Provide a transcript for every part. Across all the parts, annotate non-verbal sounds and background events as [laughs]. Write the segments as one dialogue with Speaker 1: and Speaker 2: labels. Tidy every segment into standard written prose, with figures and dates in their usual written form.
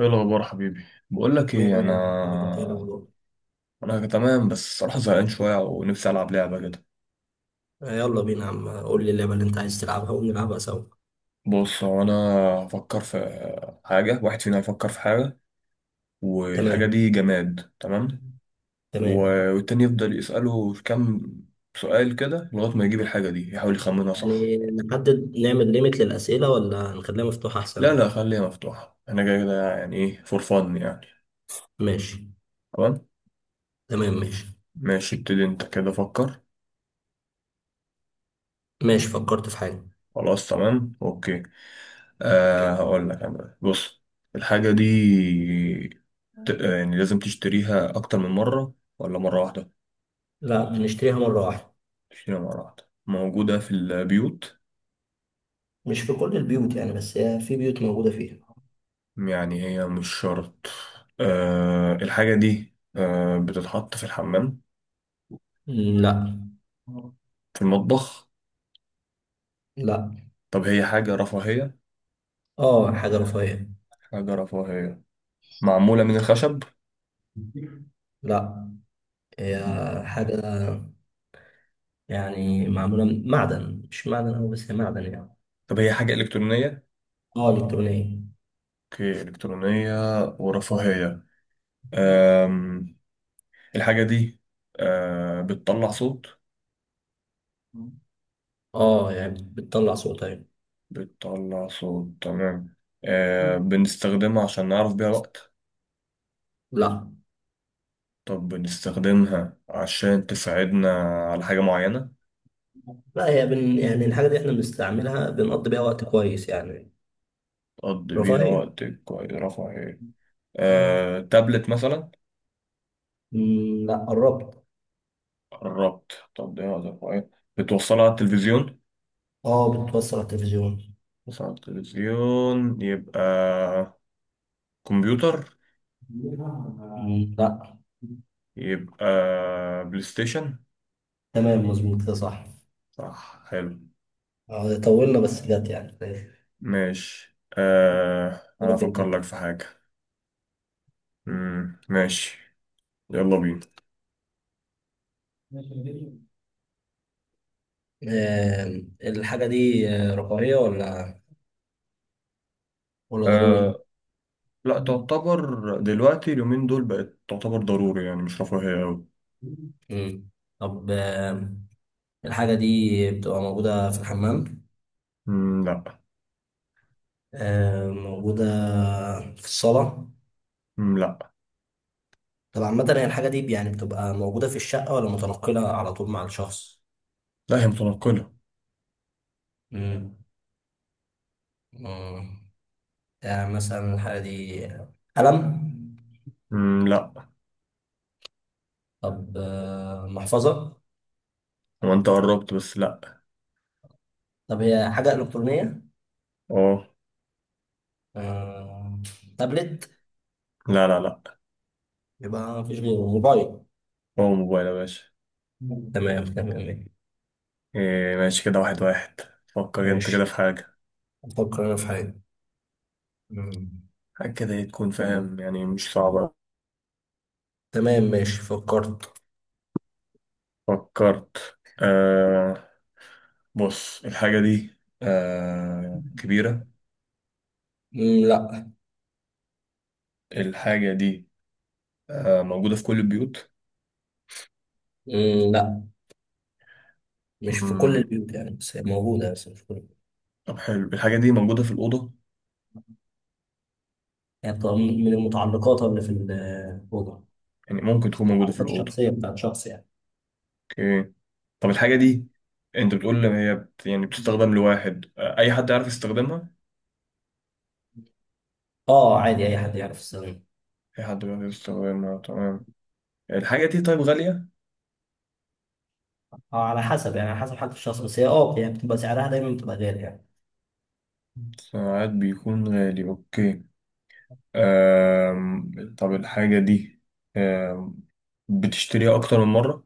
Speaker 1: ايه الاخبار حبيبي؟ بقول لك
Speaker 2: مية
Speaker 1: ايه
Speaker 2: مية الحمد لله، انت ايه
Speaker 1: انا.
Speaker 2: الاخبار؟
Speaker 1: انا تمام، بس الصراحه زهقان شويه، ونفسي العب لعبه كده.
Speaker 2: آه، يلا بينا يا عم، قول لي اللعبة اللي انت عايز تلعبها ونلعبها سوا.
Speaker 1: بص، هو انا هفكر في حاجه. واحد فينا هيفكر في حاجه، والحاجه
Speaker 2: تمام.
Speaker 1: دي جماد، تمام.
Speaker 2: تمام.
Speaker 1: والتاني يفضل يساله كام سؤال كده لغايه ما يجيب الحاجه دي، يحاول يخمنها، صح؟
Speaker 2: يعني نحدد نعمل ليميت للأسئلة ولا نخليها مفتوحة
Speaker 1: لا،
Speaker 2: أحسن؟
Speaker 1: لا، خليها مفتوحه، انا جاي كده يعني ايه فور فن يعني.
Speaker 2: ماشي.
Speaker 1: تمام،
Speaker 2: تمام ماشي.
Speaker 1: ماشي، ابتدي انت كده، فكر.
Speaker 2: ماشي، فكرت في حاجة.
Speaker 1: خلاص، تمام، اوكي.
Speaker 2: اوكي.
Speaker 1: هقول لك انا، بص. الحاجه دي، يعني لازم تشتريها أكتر من مرة ولا مرة واحدة؟
Speaker 2: لا، بنشتريها مرة واحدة.
Speaker 1: تشتريها مرة واحدة، موجودة في البيوت،
Speaker 2: مش في كل البيوت يعني، بس هي في بيوت موجودة فيها.
Speaker 1: يعني هي مش شرط. الحاجة دي بتتحط في الحمام؟
Speaker 2: لا.
Speaker 1: في المطبخ؟
Speaker 2: لا.
Speaker 1: طب هي حاجة رفاهية؟
Speaker 2: اه، حاجة رفاهية.
Speaker 1: حاجة رفاهية، معمولة من الخشب؟
Speaker 2: لا، هي حاجة يعني معمولة من معدن، مش معدن أوي بس هي معدن يعني.
Speaker 1: طب هي حاجة إلكترونية؟
Speaker 2: اه، إلكترونية.
Speaker 1: أوكي، إلكترونية ورفاهية. أم الحاجة دي بتطلع صوت؟
Speaker 2: اه، يعني بتطلع صوت. ايوه.
Speaker 1: بتطلع صوت، تمام.
Speaker 2: مم.
Speaker 1: بنستخدمها عشان نعرف بيها وقت؟
Speaker 2: لا.
Speaker 1: طب بنستخدمها عشان تساعدنا على حاجة معينة؟
Speaker 2: لا، هي يعني الحاجة دي احنا بنستعملها، بنقضي بيها وقت كويس يعني.
Speaker 1: تقضي بيها
Speaker 2: رفاهية.
Speaker 1: وقت كويس، رفع ايه؟ آه، تابلت مثلا؟
Speaker 2: مم، لا قربت.
Speaker 1: قربت، تقضي وقت، رفع ايه؟ بتوصلها على التلفزيون؟
Speaker 2: اه، بتوصل على التلفزيون.
Speaker 1: بتوصلها على التلفزيون، يبقى كمبيوتر؟
Speaker 2: مم، لا.
Speaker 1: يبقى بلاي ستيشن؟
Speaker 2: تمام، مظبوط، ده صح.
Speaker 1: صح، حلو.
Speaker 2: طولنا بس جت يعني. ماشي.
Speaker 1: ماشي، انا
Speaker 2: دورك انت
Speaker 1: افكر
Speaker 2: بقى.
Speaker 1: لك في حاجة. مم. ماشي، يلا بينا.
Speaker 2: آه، الحاجة دي رفاهية ولا ضروري؟
Speaker 1: آه، لا، تعتبر دلوقتي اليومين دول بقت تعتبر ضروري، يعني مش رفاهية أوي.
Speaker 2: مم. طب الحاجة دي بتبقى موجودة في الحمام؟
Speaker 1: مم، لا.
Speaker 2: موجودة في الصالة.
Speaker 1: مم، لا.
Speaker 2: طب عامة هي الحاجة دي يعني بتبقى موجودة في الشقة ولا متنقلة على طول مع الشخص؟
Speaker 1: لا، هي متنقلة.
Speaker 2: مم. مم. يعني مثلا الحاجة دي قلم.
Speaker 1: مم، لا.
Speaker 2: طب محفظة.
Speaker 1: هو انت قربت بس لا.
Speaker 2: طب هي حاجة إلكترونية.
Speaker 1: اه.
Speaker 2: آه، تابلت.
Speaker 1: لا، لا، لا.
Speaker 2: يبقى مفيش غيره موبايل.
Speaker 1: هو موبايل يا باشا.
Speaker 2: مم. تمام. تمام.
Speaker 1: إيه، ماشي كده، واحد واحد. فكر انت كده
Speaker 2: ماشي،
Speaker 1: في حاجة.
Speaker 2: أفكر أنا في حاجة. مم.
Speaker 1: حاجة كده ايه، تكون فاهم، يعني مش صعبة.
Speaker 2: تمام ماشي، فكرت.
Speaker 1: فكرت. بص، الحاجة دي كبيرة؟
Speaker 2: مم، لا.
Speaker 1: الحاجة دي موجودة في كل البيوت؟
Speaker 2: مم، لا. مش في كل
Speaker 1: مم،
Speaker 2: البيوت يعني، بس هي موجودة بس مش في كل.
Speaker 1: طب حلو، الحاجة دي موجودة في الأوضة؟
Speaker 2: يعني بتبقى من المتعلقات اللي في الأوضة،
Speaker 1: يعني ممكن
Speaker 2: بس
Speaker 1: تكون موجودة في
Speaker 2: المتعلقات
Speaker 1: الأوضة.
Speaker 2: الشخصية بتاعت شخص يعني.
Speaker 1: اوكي، طب الحاجة دي، انت بتقول ان هي يعني بتستخدم لواحد، اي حد يعرف يستخدمها؟
Speaker 2: اه، عادي أي حد يعرف الصينية.
Speaker 1: اي حد بيعرف يستخدمها، تمام. الحاجة دي طيب غالية؟
Speaker 2: اه، على حسب يعني على حسب حالة الشخص، بس هي يعني بتبقى سعرها دايما بتبقى غالي يعني.
Speaker 1: ساعات بيكون غالي، اوكي. طب الحاجة دي أم... بتشتريها اكتر من مرة؟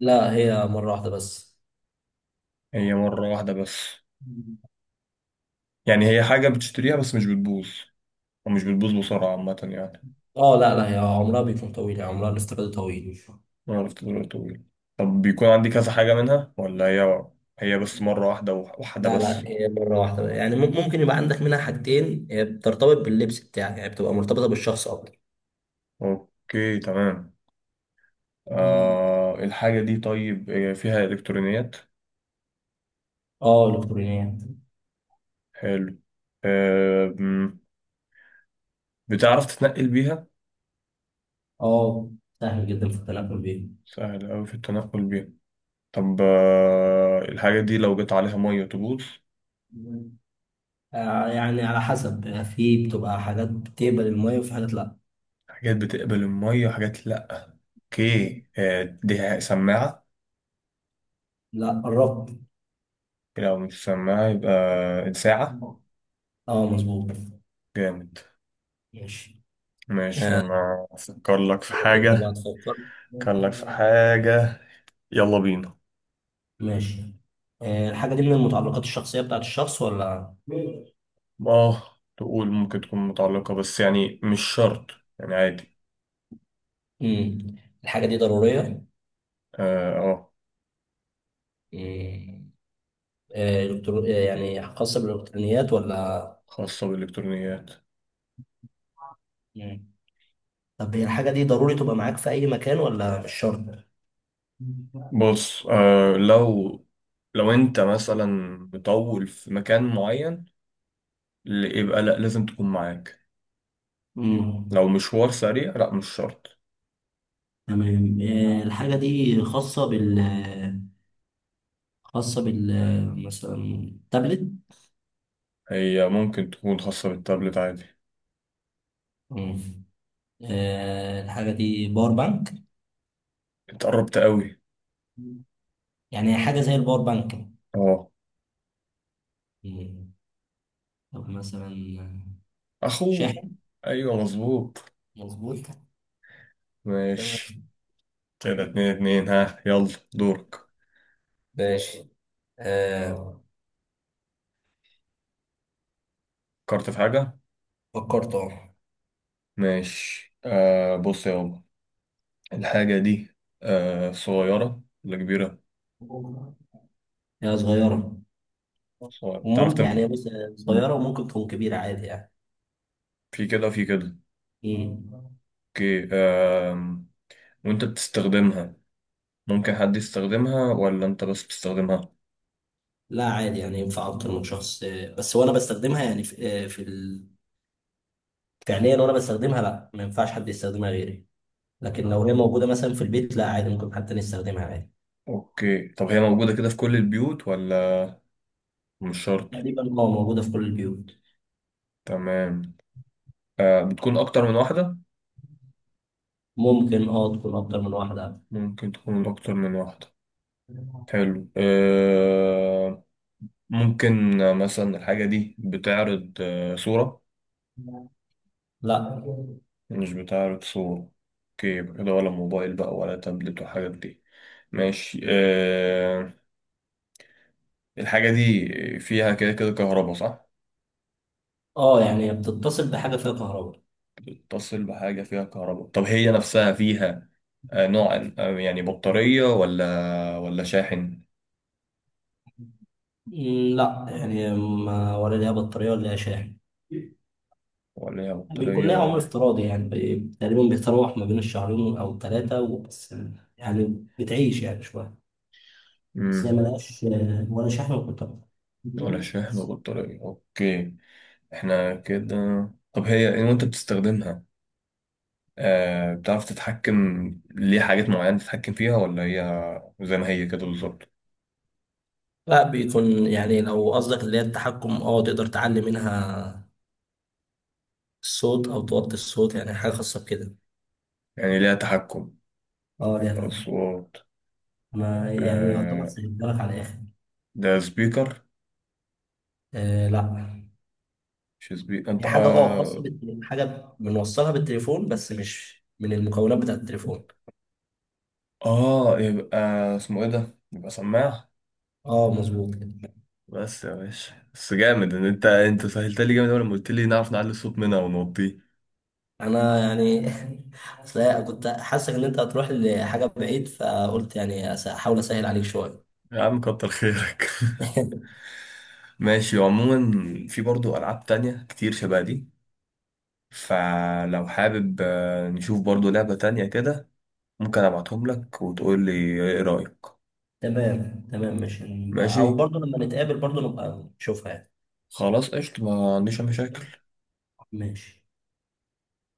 Speaker 2: لا، هي مرة واحدة بس.
Speaker 1: هي مرة واحدة بس، يعني هي حاجة بتشتريها بس مش بتبوظ، ومش بتبوظ بسرعة عامة يعني.
Speaker 2: اه. لا. لا، هي عمرها بيكون طويل، يعني عمرها الاستفادة طويل.
Speaker 1: انا عرفت دلوقتي، تقول طب بيكون عندي كذا حاجة منها، ولا هي بس مرة واحدة وحدة
Speaker 2: لا. لا،
Speaker 1: بس؟
Speaker 2: هي مرة واحدة يعني ممكن يبقى عندك منها حاجتين، هي بترتبط باللبس بتاعك يعني، بتبقى مرتبطة بالشخص أكتر.
Speaker 1: اوكي، تمام. الحاجة دي طيب فيها إلكترونيات؟
Speaker 2: اه، إلكترونيات.
Speaker 1: حلو. آه مم، بتعرف تتنقل بيها؟
Speaker 2: اه، سهل جدا في التنقل
Speaker 1: سهل أوي في التنقل بيها. طب الحاجة دي لو جت عليها مية تبوظ؟
Speaker 2: بيه. يعني على حسب، يعني في بتبقى حاجات بتقبل المية وفي حاجات لا.
Speaker 1: حاجات بتقبل المية، حاجات لأ، أوكي. دي سماعة؟
Speaker 2: لا، قربت.
Speaker 1: لو مش سماعة يبقى ساعة؟
Speaker 2: اه، مظبوط.
Speaker 1: جامد.
Speaker 2: ماشي.
Speaker 1: ماشي،
Speaker 2: آه،
Speaker 1: أنا أفكر لك في
Speaker 2: دورك انت بقى
Speaker 1: حاجة.
Speaker 2: تفكر.
Speaker 1: أفكر لك في حاجة، يلا بينا.
Speaker 2: ماشي. الحاجة دي من المتعلقات الشخصية بتاعت الشخص ولا.
Speaker 1: اه، تقول ممكن تكون متعلقة بس، يعني مش شرط، يعني عادي.
Speaker 2: مم. الحاجة دي ضرورية.
Speaker 1: اه، آه،
Speaker 2: مم. آه، إلكترو... آه، يعني خاصة بالإلكترونيات ولا.
Speaker 1: خاصة بالإلكترونيات.
Speaker 2: مم. طب هي الحاجة دي ضروري تبقى معاك في أي مكان ولا مش شرط؟
Speaker 1: بص، لو انت مثلا مطول في مكان معين، يبقى لا، لازم تكون معاك.
Speaker 2: مم.
Speaker 1: لو مشوار سريع، لا، مش شرط.
Speaker 2: تمام. الحاجة دي خاصة بال مثلا تابلت.
Speaker 1: هي ممكن تكون خاصة بالتابلت عادي.
Speaker 2: مم. الحاجة دي باور بانك.
Speaker 1: انت قربت قوي.
Speaker 2: يعني حاجة زي الباور بانك.
Speaker 1: اه.
Speaker 2: مم. طب مثلا
Speaker 1: اخوه.
Speaker 2: شاحن.
Speaker 1: ايوه، مظبوط.
Speaker 2: مظبوط. تمام.
Speaker 1: ماشي. كده اتنين اتنين، ها، يلا، دورك.
Speaker 2: ماشي. آه
Speaker 1: فكرت في حاجة،
Speaker 2: فكرت اه.
Speaker 1: ماشي. بص يا بابا، الحاجة دي صغيرة ولا كبيرة؟
Speaker 2: هي صغيرة
Speaker 1: صغيرة، بتعرف
Speaker 2: وممكن يعني بص،
Speaker 1: مم.
Speaker 2: صغيرة وممكن تكون كبيرة عادي يعني.
Speaker 1: في كده في كده،
Speaker 2: مم.
Speaker 1: اوكي. وانت بتستخدمها، ممكن حد يستخدمها ولا انت بس بتستخدمها؟
Speaker 2: لا، عادي يعني ينفع أكتر من شخص، بس وأنا بستخدمها يعني في فعليا، وانا بستخدمها لا ما ينفعش حد يستخدمها غيري، لكن لو هي موجوده مثلا في البيت لا عادي، ممكن حد تاني يستخدمها عادي.
Speaker 1: اوكي، طب هي موجودة كده في كل البيوت ولا مش شرط؟
Speaker 2: تقريبا موجوده في كل البيوت.
Speaker 1: تمام. بتكون اكتر من واحدة؟
Speaker 2: ممكن تكون اكتر من واحده.
Speaker 1: ممكن تكون اكتر من واحدة، حلو. ممكن مثلا الحاجة دي بتعرض صورة؟
Speaker 2: لا.
Speaker 1: مش بتعرض صورة، اوكي. يبقى كده ولا موبايل بقى ولا تابلت والحاجات دي. ماشي. الحاجة دي فيها كده كده كهرباء، صح؟
Speaker 2: اه، يعني بتتصل بحاجه فيها كهرباء.
Speaker 1: بتتصل بحاجة فيها كهرباء، طب هي نفسها فيها نوع يعني بطارية ولا شاحن؟
Speaker 2: مم، لا، يعني ما ولا ليها بطاريه ولا ليها شاحن.
Speaker 1: ولا هي
Speaker 2: بيكون
Speaker 1: بطارية
Speaker 2: ليها عمر
Speaker 1: ولا؟
Speaker 2: افتراضي يعني تقريبا بيتراوح ما بين الشهرين او ثلاثه وبس، يعني بتعيش يعني شويه. بس هي
Speaker 1: مم.
Speaker 2: ملهاش ولا شحن ولا
Speaker 1: ولا
Speaker 2: كهرباء.
Speaker 1: شاحن وبطارية، اوكي. احنا كده. طب هي إيه وانت بتستخدمها؟ بتعرف تتحكم ليه حاجات معينة، تتحكم فيها ولا هي زي ما هي كده بالظبط؟
Speaker 2: لا، بيكون يعني لو قصدك اللي هي التحكم، تقدر تعلي منها الصوت او توطي الصوت، يعني حاجه خاصه بكده.
Speaker 1: يعني ليها تحكم
Speaker 2: اه، يعني.
Speaker 1: أصوات.
Speaker 2: انا يعني يعتبر
Speaker 1: آه
Speaker 2: سهلتها لك على الاخر.
Speaker 1: ده سبيكر؟
Speaker 2: آه، لا.
Speaker 1: مش سبيكر انت.
Speaker 2: هي حاجه خاصه بالتليفون، حاجه بنوصلها بالتليفون بس مش من المكونات بتاعت التليفون.
Speaker 1: اه، يبقى اسمه ايه ده، يبقى سماعة.
Speaker 2: اه، مظبوط كده.
Speaker 1: بس يا باشا، بس جامد ان انت سهلت لي جامد أوي لما قلت لي نعرف نعلي الصوت منها ونوطيه.
Speaker 2: انا يعني [laughs] أصل أنا كنت حاسس ان انت هتروح لحاجه بعيد، فقلت يعني احاول اسهل عليك شويه.
Speaker 1: يا عم كتر خيرك.
Speaker 2: [laughs]
Speaker 1: [laughs] ماشي، وعموما في برضو العاب تانية كتير شبه دي، فلو حابب نشوف برضو لعبة تانية كده، ممكن ابعتهم لك وتقول لي ايه رأيك.
Speaker 2: تمام. تمام. مش.
Speaker 1: ماشي،
Speaker 2: او برضه لما نتقابل برضه نبقى نشوفها.
Speaker 1: خلاص، قشطة، ما عنديش أي مشاكل.
Speaker 2: يعني ماشي.